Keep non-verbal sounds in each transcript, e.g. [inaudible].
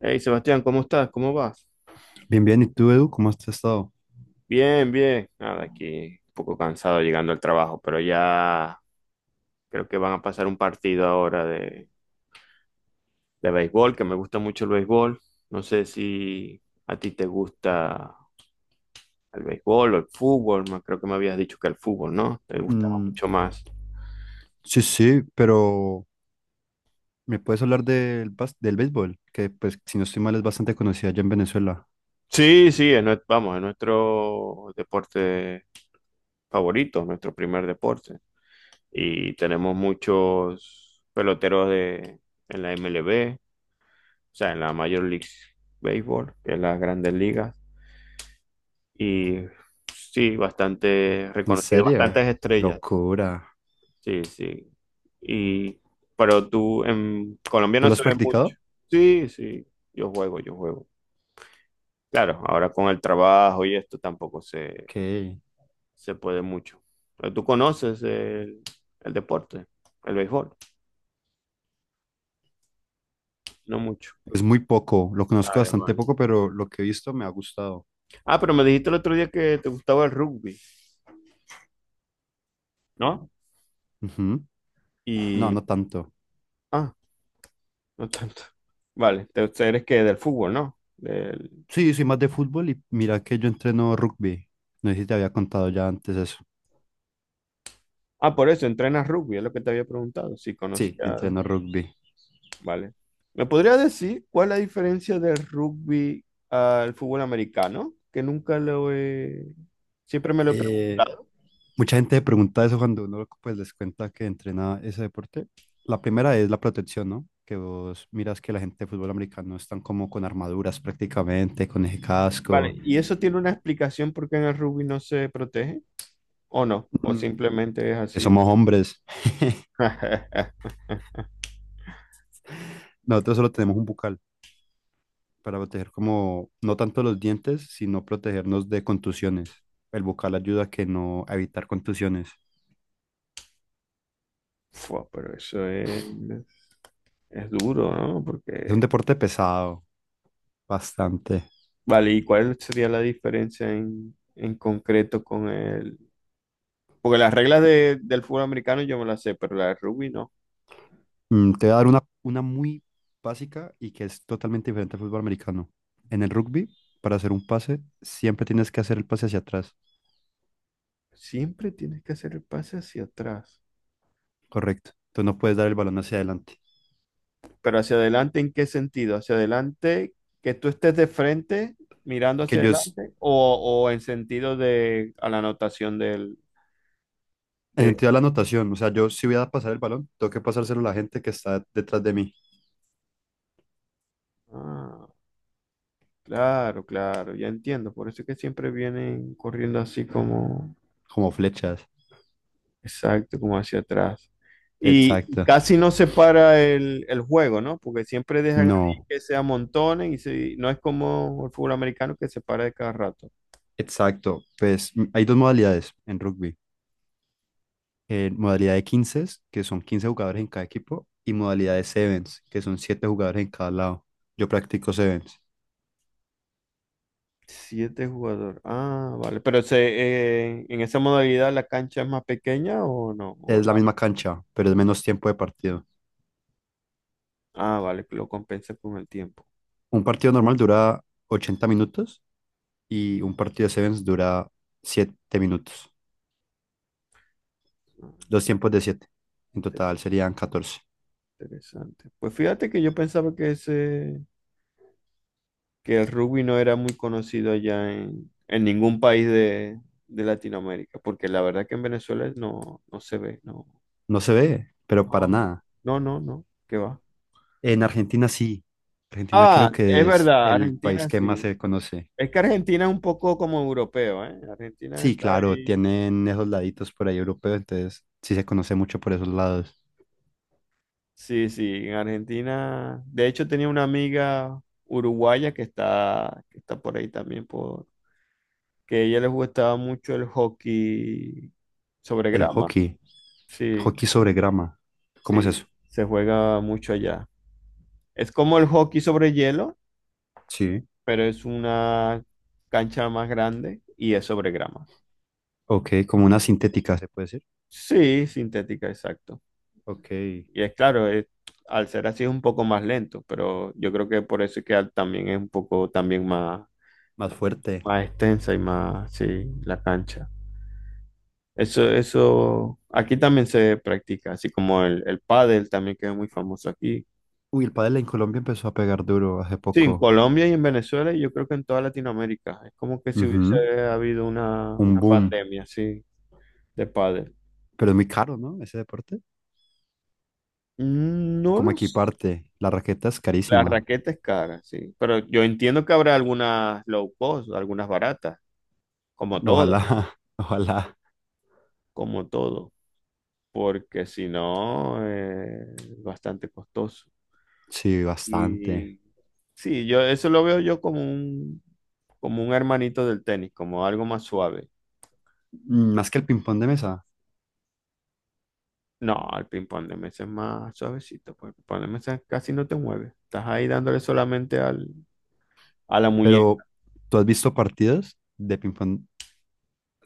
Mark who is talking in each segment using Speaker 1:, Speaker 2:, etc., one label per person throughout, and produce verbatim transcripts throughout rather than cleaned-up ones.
Speaker 1: Hey Sebastián, ¿cómo estás? ¿Cómo vas?
Speaker 2: Bien, bien. ¿Y tú, Edu, cómo has estado?
Speaker 1: Bien, bien. Nada, aquí un poco cansado llegando al trabajo, pero ya creo que van a pasar un partido ahora de, de béisbol, que me gusta mucho el béisbol. No sé si a ti te gusta el béisbol o el fútbol, ma- creo que me habías dicho que el fútbol, ¿no? Te gustaba
Speaker 2: Mm,
Speaker 1: mucho más.
Speaker 2: sí, sí, pero ¿me puedes hablar del, bas- del béisbol? Que, pues, si no estoy mal, es bastante conocida allá en Venezuela.
Speaker 1: Sí, sí, es nue- vamos, es nuestro deporte favorito, nuestro primer deporte. Y tenemos muchos peloteros de, en la M L B. O sea, en la Major League Baseball, que es las grandes ligas, y sí, bastante
Speaker 2: ¿En
Speaker 1: reconocido,
Speaker 2: serio?
Speaker 1: bastantes estrellas,
Speaker 2: Locura.
Speaker 1: sí, sí, y, pero tú, en Colombia
Speaker 2: ¿Tú
Speaker 1: no
Speaker 2: lo
Speaker 1: se
Speaker 2: has
Speaker 1: ve mucho,
Speaker 2: practicado?
Speaker 1: sí, sí, yo juego, yo juego, claro, ahora con el trabajo y esto tampoco se,
Speaker 2: Ok.
Speaker 1: se puede mucho, pero tú conoces el, el deporte, el béisbol, no mucho.
Speaker 2: Pues muy poco, lo conozco
Speaker 1: Vale,
Speaker 2: bastante
Speaker 1: vale.
Speaker 2: poco, pero lo que he visto me ha gustado.
Speaker 1: Ah, pero me dijiste el otro día que te gustaba el rugby, ¿no?
Speaker 2: Ujú. No,
Speaker 1: Y,
Speaker 2: no tanto.
Speaker 1: ah, no tanto. Vale, te- eres que del fútbol, ¿no? Del-
Speaker 2: Sí, soy más de fútbol y mira que yo entreno rugby. No sé si te había contado ya antes eso.
Speaker 1: Ah, por eso, entrenas rugby, es lo que te había preguntado, si
Speaker 2: Sí, entreno
Speaker 1: conocías.
Speaker 2: rugby.
Speaker 1: Vale. ¿Me podría decir cuál es la diferencia del rugby al fútbol americano? Que nunca lo he... Siempre me lo he
Speaker 2: Eh,
Speaker 1: preguntado.
Speaker 2: Mucha gente pregunta eso cuando uno, pues, les cuenta que entrena ese deporte. La primera es la protección, ¿no? Que vos miras que la gente de fútbol americano están como con armaduras prácticamente, con ese casco.
Speaker 1: Vale, ¿y eso tiene una explicación por qué en el rugby no se protege? ¿O no? ¿O
Speaker 2: Mm,
Speaker 1: simplemente es
Speaker 2: Que
Speaker 1: así?
Speaker 2: somos hombres. [laughs]
Speaker 1: [laughs]
Speaker 2: Nosotros solo tenemos un bucal para proteger, como, no tanto los dientes, sino protegernos de contusiones. El bucal ayuda a que no a evitar contusiones.
Speaker 1: Fua, pero eso es, es duro, ¿no?
Speaker 2: Es un
Speaker 1: Porque
Speaker 2: deporte pesado, bastante.
Speaker 1: vale, ¿y cuál sería la diferencia en, en concreto con el...? Porque las reglas de- del fútbol americano yo me las sé, pero la de rugby no.
Speaker 2: Mm, te voy a dar una, una muy básica y que es totalmente diferente al fútbol americano. En el rugby, para hacer un pase, siempre tienes que hacer el pase hacia atrás,
Speaker 1: Siempre tienes que hacer el pase hacia atrás.
Speaker 2: correcto. Entonces no puedes dar el balón hacia adelante.
Speaker 1: Pero hacia adelante, ¿en qué sentido? ¿Hacia adelante que tú estés de frente mirando
Speaker 2: Que
Speaker 1: hacia
Speaker 2: yo es,
Speaker 1: adelante o, o en sentido de a la anotación del...
Speaker 2: en
Speaker 1: De...
Speaker 2: sentido de la anotación, o sea, yo si voy a pasar el balón, tengo que pasárselo a la gente que está detrás de mí,
Speaker 1: Ah, claro, claro, ya entiendo. Por eso es que siempre vienen corriendo así como...
Speaker 2: como flechas.
Speaker 1: Exacto, como hacia atrás. Y
Speaker 2: Exacto.
Speaker 1: casi no se para el, el juego, ¿no? Porque siempre dejan ahí
Speaker 2: No.
Speaker 1: que se amontonen y se- no es como el fútbol americano que se para de cada rato.
Speaker 2: Exacto. Pues m- hay dos modalidades en rugby. Eh, modalidad de quince, que son quince jugadores en cada equipo, y modalidad de sevens, que son siete jugadores en cada lado. Yo practico sevens.
Speaker 1: Siete jugadores. Ah, vale. Pero se, eh, en esa modalidad la cancha es más pequeña o no? ¿O es
Speaker 2: Es la
Speaker 1: la-
Speaker 2: misma cancha, pero es menos tiempo de partido.
Speaker 1: Ah, vale, que lo compensa con el tiempo.
Speaker 2: Un partido normal dura ochenta minutos y un partido de sevens dura siete minutos.
Speaker 1: Ah,
Speaker 2: Dos tiempos de siete. En
Speaker 1: inter-
Speaker 2: total serían catorce.
Speaker 1: interesante. Pues fíjate que yo pensaba que ese que el rugby no era muy conocido allá en, en ningún país de, de Latinoamérica, porque la verdad que en Venezuela no, no se ve, no,
Speaker 2: No se ve, pero para
Speaker 1: no,
Speaker 2: nada.
Speaker 1: no, no, no, qué va.
Speaker 2: En Argentina sí. Argentina creo
Speaker 1: Ah, es
Speaker 2: que es
Speaker 1: verdad,
Speaker 2: el país
Speaker 1: Argentina
Speaker 2: que más
Speaker 1: sí.
Speaker 2: se conoce.
Speaker 1: Es que Argentina es un poco como europeo, ¿eh? Argentina
Speaker 2: Sí,
Speaker 1: está
Speaker 2: claro,
Speaker 1: ahí.
Speaker 2: tienen esos laditos por ahí europeos, entonces sí se conoce mucho por esos lados.
Speaker 1: Sí, sí, en Argentina. De hecho, tenía una amiga uruguaya que está, que está por ahí también, por, que a ella le gustaba mucho el hockey sobre
Speaker 2: El
Speaker 1: grama.
Speaker 2: hockey,
Speaker 1: Sí.
Speaker 2: hockey sobre grama. ¿Cómo es
Speaker 1: Sí,
Speaker 2: eso?
Speaker 1: se juega mucho allá. Es como el hockey sobre hielo,
Speaker 2: Sí.
Speaker 1: pero es una cancha más grande y es sobre grama.
Speaker 2: Ok, como una sintética, se puede decir.
Speaker 1: Sí, sintética, exacto.
Speaker 2: Ok,
Speaker 1: Y es claro, es- al ser así es un poco más lento, pero yo creo que por eso es que al- también es un poco también más,
Speaker 2: más fuerte.
Speaker 1: más extensa y más, sí, la cancha. Eso, eso, aquí también se practica, así como el, el pádel también que es muy famoso aquí.
Speaker 2: Uy, el pádel en Colombia empezó a pegar duro hace
Speaker 1: Sí, en
Speaker 2: poco.
Speaker 1: Colombia y en Venezuela y yo creo que en toda Latinoamérica. Es como que si hubiese
Speaker 2: Ujú.
Speaker 1: habido una,
Speaker 2: Un
Speaker 1: una
Speaker 2: boom.
Speaker 1: pandemia, sí, de pádel.
Speaker 2: Pero es muy caro, ¿no? Ese deporte.
Speaker 1: No
Speaker 2: Como
Speaker 1: los...
Speaker 2: equiparte? La raqueta es
Speaker 1: La
Speaker 2: carísima.
Speaker 1: raqueta es cara, sí. Pero yo entiendo que habrá algunas low cost, algunas baratas, como
Speaker 2: Ojalá,
Speaker 1: todo,
Speaker 2: [laughs] ojalá.
Speaker 1: como todo. Porque si no, eh, es bastante costoso.
Speaker 2: Sí, bastante.
Speaker 1: Y sí, yo eso lo veo yo como un, como un hermanito del tenis, como algo más suave.
Speaker 2: Mm, Más que el ping-pong de mesa.
Speaker 1: No, el ping-pong de mesa es más suavecito, pues el ping-pong de mesa casi no te mueve. Estás ahí dándole solamente al, a la muñeca.
Speaker 2: Pero ¿tú has visto partidas de ping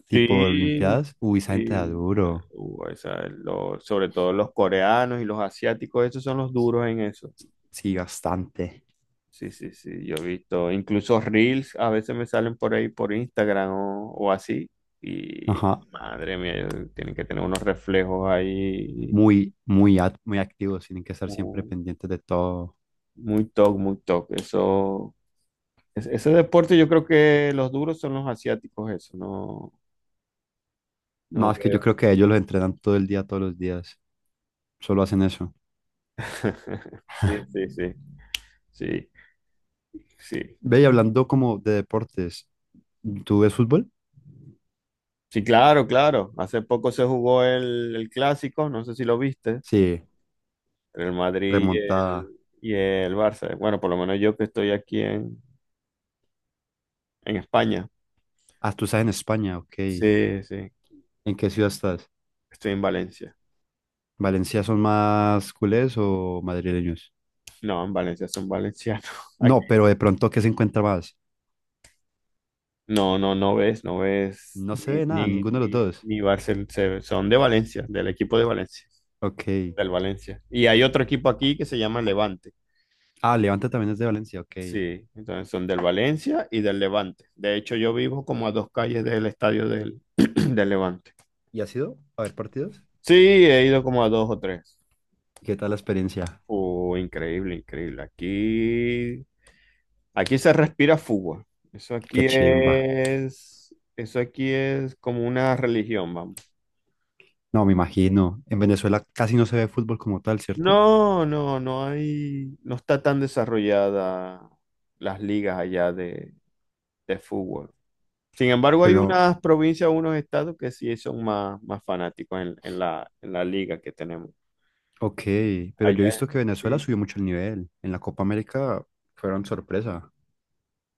Speaker 2: tipo
Speaker 1: Sí,
Speaker 2: Olimpiadas? Uy, esa gente da
Speaker 1: sí.
Speaker 2: duro,
Speaker 1: Uh, esa es lo- sobre todo los coreanos y los asiáticos, esos son los duros en eso.
Speaker 2: sí, bastante,
Speaker 1: Sí, sí, sí, yo he visto. Incluso reels a veces me salen por ahí por Instagram o, o así. Y
Speaker 2: ajá,
Speaker 1: madre mía, ellos tienen que tener unos reflejos ahí
Speaker 2: muy, muy, ac- muy activos, tienen que estar siempre
Speaker 1: uh,
Speaker 2: pendientes de todo.
Speaker 1: muy top, muy top. Eso Es- ese deporte yo creo que los duros son los asiáticos, eso, no,
Speaker 2: No,
Speaker 1: no
Speaker 2: es que yo
Speaker 1: veo.
Speaker 2: creo que ellos los entrenan todo el día, todos los días, solo hacen eso.
Speaker 1: [laughs] Sí, sí, sí, sí, sí.
Speaker 2: Ve, y hablando como de deportes, ¿tú ves fútbol?
Speaker 1: Sí, claro, claro. Hace poco se jugó el, el clásico, no sé si lo viste,
Speaker 2: Sí,
Speaker 1: entre el Madrid y
Speaker 2: remontada.
Speaker 1: el, y el Barça. Bueno, por lo menos yo que estoy aquí en, en España.
Speaker 2: Ah, tú estás en España, ok.
Speaker 1: Sí, sí,
Speaker 2: ¿En qué ciudad estás?
Speaker 1: estoy en Valencia.
Speaker 2: ¿Valencia son más culés o madrileños?
Speaker 1: No, en Valencia son valencianos. [laughs] Ay,
Speaker 2: No, pero de pronto, ¿qué se encuentra más?
Speaker 1: no, no, no ves, no ves
Speaker 2: No se
Speaker 1: ni,
Speaker 2: ve nada,
Speaker 1: ni,
Speaker 2: ninguno de los
Speaker 1: ni,
Speaker 2: dos.
Speaker 1: ni Barcel- se- son de Valencia, del equipo de Valencia.
Speaker 2: Ok.
Speaker 1: Del Valencia. Y hay otro equipo aquí que se llama Levante.
Speaker 2: Ah, Levante también es de Valencia, ok.
Speaker 1: Sí, entonces son del Valencia y del Levante. De hecho, yo vivo como a dos calles del estadio del, [clears throat] del Levante.
Speaker 2: ¿Y ha sido a ver partidos?
Speaker 1: Sí, he ido como a dos o tres.
Speaker 2: ¿Qué tal la experiencia?
Speaker 1: Oh, increíble, increíble. Aquí, aquí se respira fútbol. Eso
Speaker 2: Qué
Speaker 1: aquí
Speaker 2: chimba.
Speaker 1: es, eso aquí es como una religión, vamos.
Speaker 2: No, me imagino. En Venezuela casi no se ve fútbol como tal, ¿cierto?
Speaker 1: No, no, no hay, no está tan desarrollada las ligas allá de, de fútbol. Sin embargo, hay
Speaker 2: Pero,
Speaker 1: unas provincias, unos estados que sí son más, más fanáticos en, en la, en la liga que tenemos.
Speaker 2: ok, pero yo he
Speaker 1: Allá.
Speaker 2: visto que Venezuela
Speaker 1: Sí,
Speaker 2: subió mucho el nivel. En la Copa América fueron sorpresa.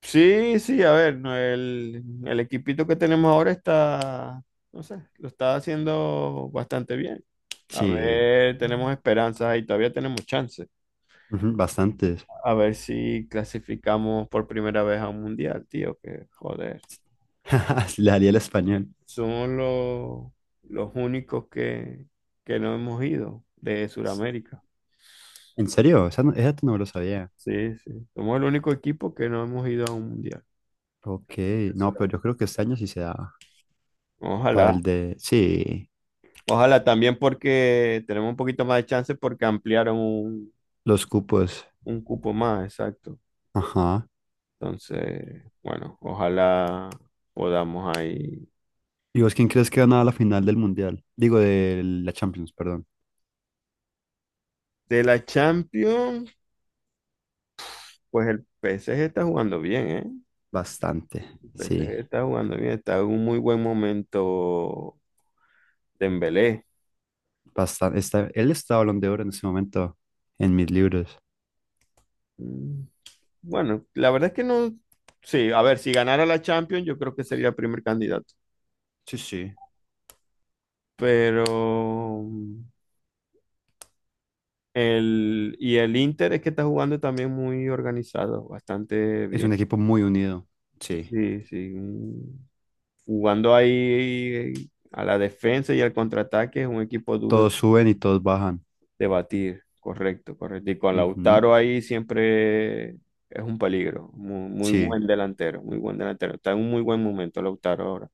Speaker 1: sí, sí, a ver, no, el, el equipito que tenemos ahora está, no sé, lo está haciendo bastante bien. A
Speaker 2: Sí,
Speaker 1: ver, tenemos esperanzas y todavía tenemos chances.
Speaker 2: ujú, bastantes.
Speaker 1: A ver si clasificamos por primera vez a un mundial, tío, que joder.
Speaker 2: [laughs] Sí, le haría el español.
Speaker 1: Son los, los únicos que, que no hemos ido de Sudamérica.
Speaker 2: ¿En serio? Esa no, esa no me lo sabía.
Speaker 1: Sí, sí. Somos el único equipo que no hemos ido a un mundial.
Speaker 2: Ok,
Speaker 1: Del
Speaker 2: no,
Speaker 1: Sudam.
Speaker 2: pero yo creo que este año sí se da para
Speaker 1: Ojalá.
Speaker 2: el de, sí,
Speaker 1: Ojalá también porque tenemos un poquito más de chance porque ampliaron un,
Speaker 2: los cupos.
Speaker 1: un cupo más, exacto.
Speaker 2: Ajá.
Speaker 1: Entonces, bueno, ojalá podamos ahí.
Speaker 2: ¿Y vos quién crees que gana la final del Mundial? Digo, de la Champions, perdón.
Speaker 1: De la Champions, pues el P S G está jugando bien, ¿eh?
Speaker 2: Bastante,
Speaker 1: El
Speaker 2: sí,
Speaker 1: P S G está jugando bien, está en un muy buen momento Dembélé.
Speaker 2: bastante. Está, él está Balón de Oro en este momento en mis libros.
Speaker 1: Mm, bueno, la verdad es que no. Sí, a ver, si ganara la Champions, yo creo que sería el primer candidato.
Speaker 2: Sí, sí.
Speaker 1: Pero mm, el, y el Inter es que está jugando también muy organizado, bastante
Speaker 2: Es
Speaker 1: bien.
Speaker 2: un equipo muy unido. Sí.
Speaker 1: Sí, sí. un- Jugando ahí a la defensa y al contraataque es un equipo duro
Speaker 2: Todos suben y todos bajan.
Speaker 1: de batir. Correcto, correcto. Y con
Speaker 2: Ujú,
Speaker 1: Lautaro ahí siempre es un peligro. Muy, muy
Speaker 2: sí,
Speaker 1: buen delantero, muy buen delantero. Está en un muy buen momento Lautaro ahora.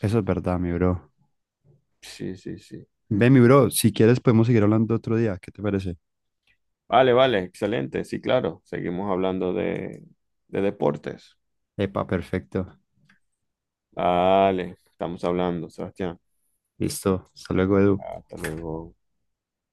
Speaker 2: eso es verdad, mi bro.
Speaker 1: Sí, sí, sí.
Speaker 2: Ve, mi bro, si quieres podemos seguir hablando otro día. ¿Qué te parece?
Speaker 1: Vale, vale, excelente. Sí, claro. Seguimos hablando de, de deportes.
Speaker 2: Epa, perfecto.
Speaker 1: Vale, estamos hablando, Sebastián.
Speaker 2: Listo. Hasta luego, Edu.
Speaker 1: Hasta luego.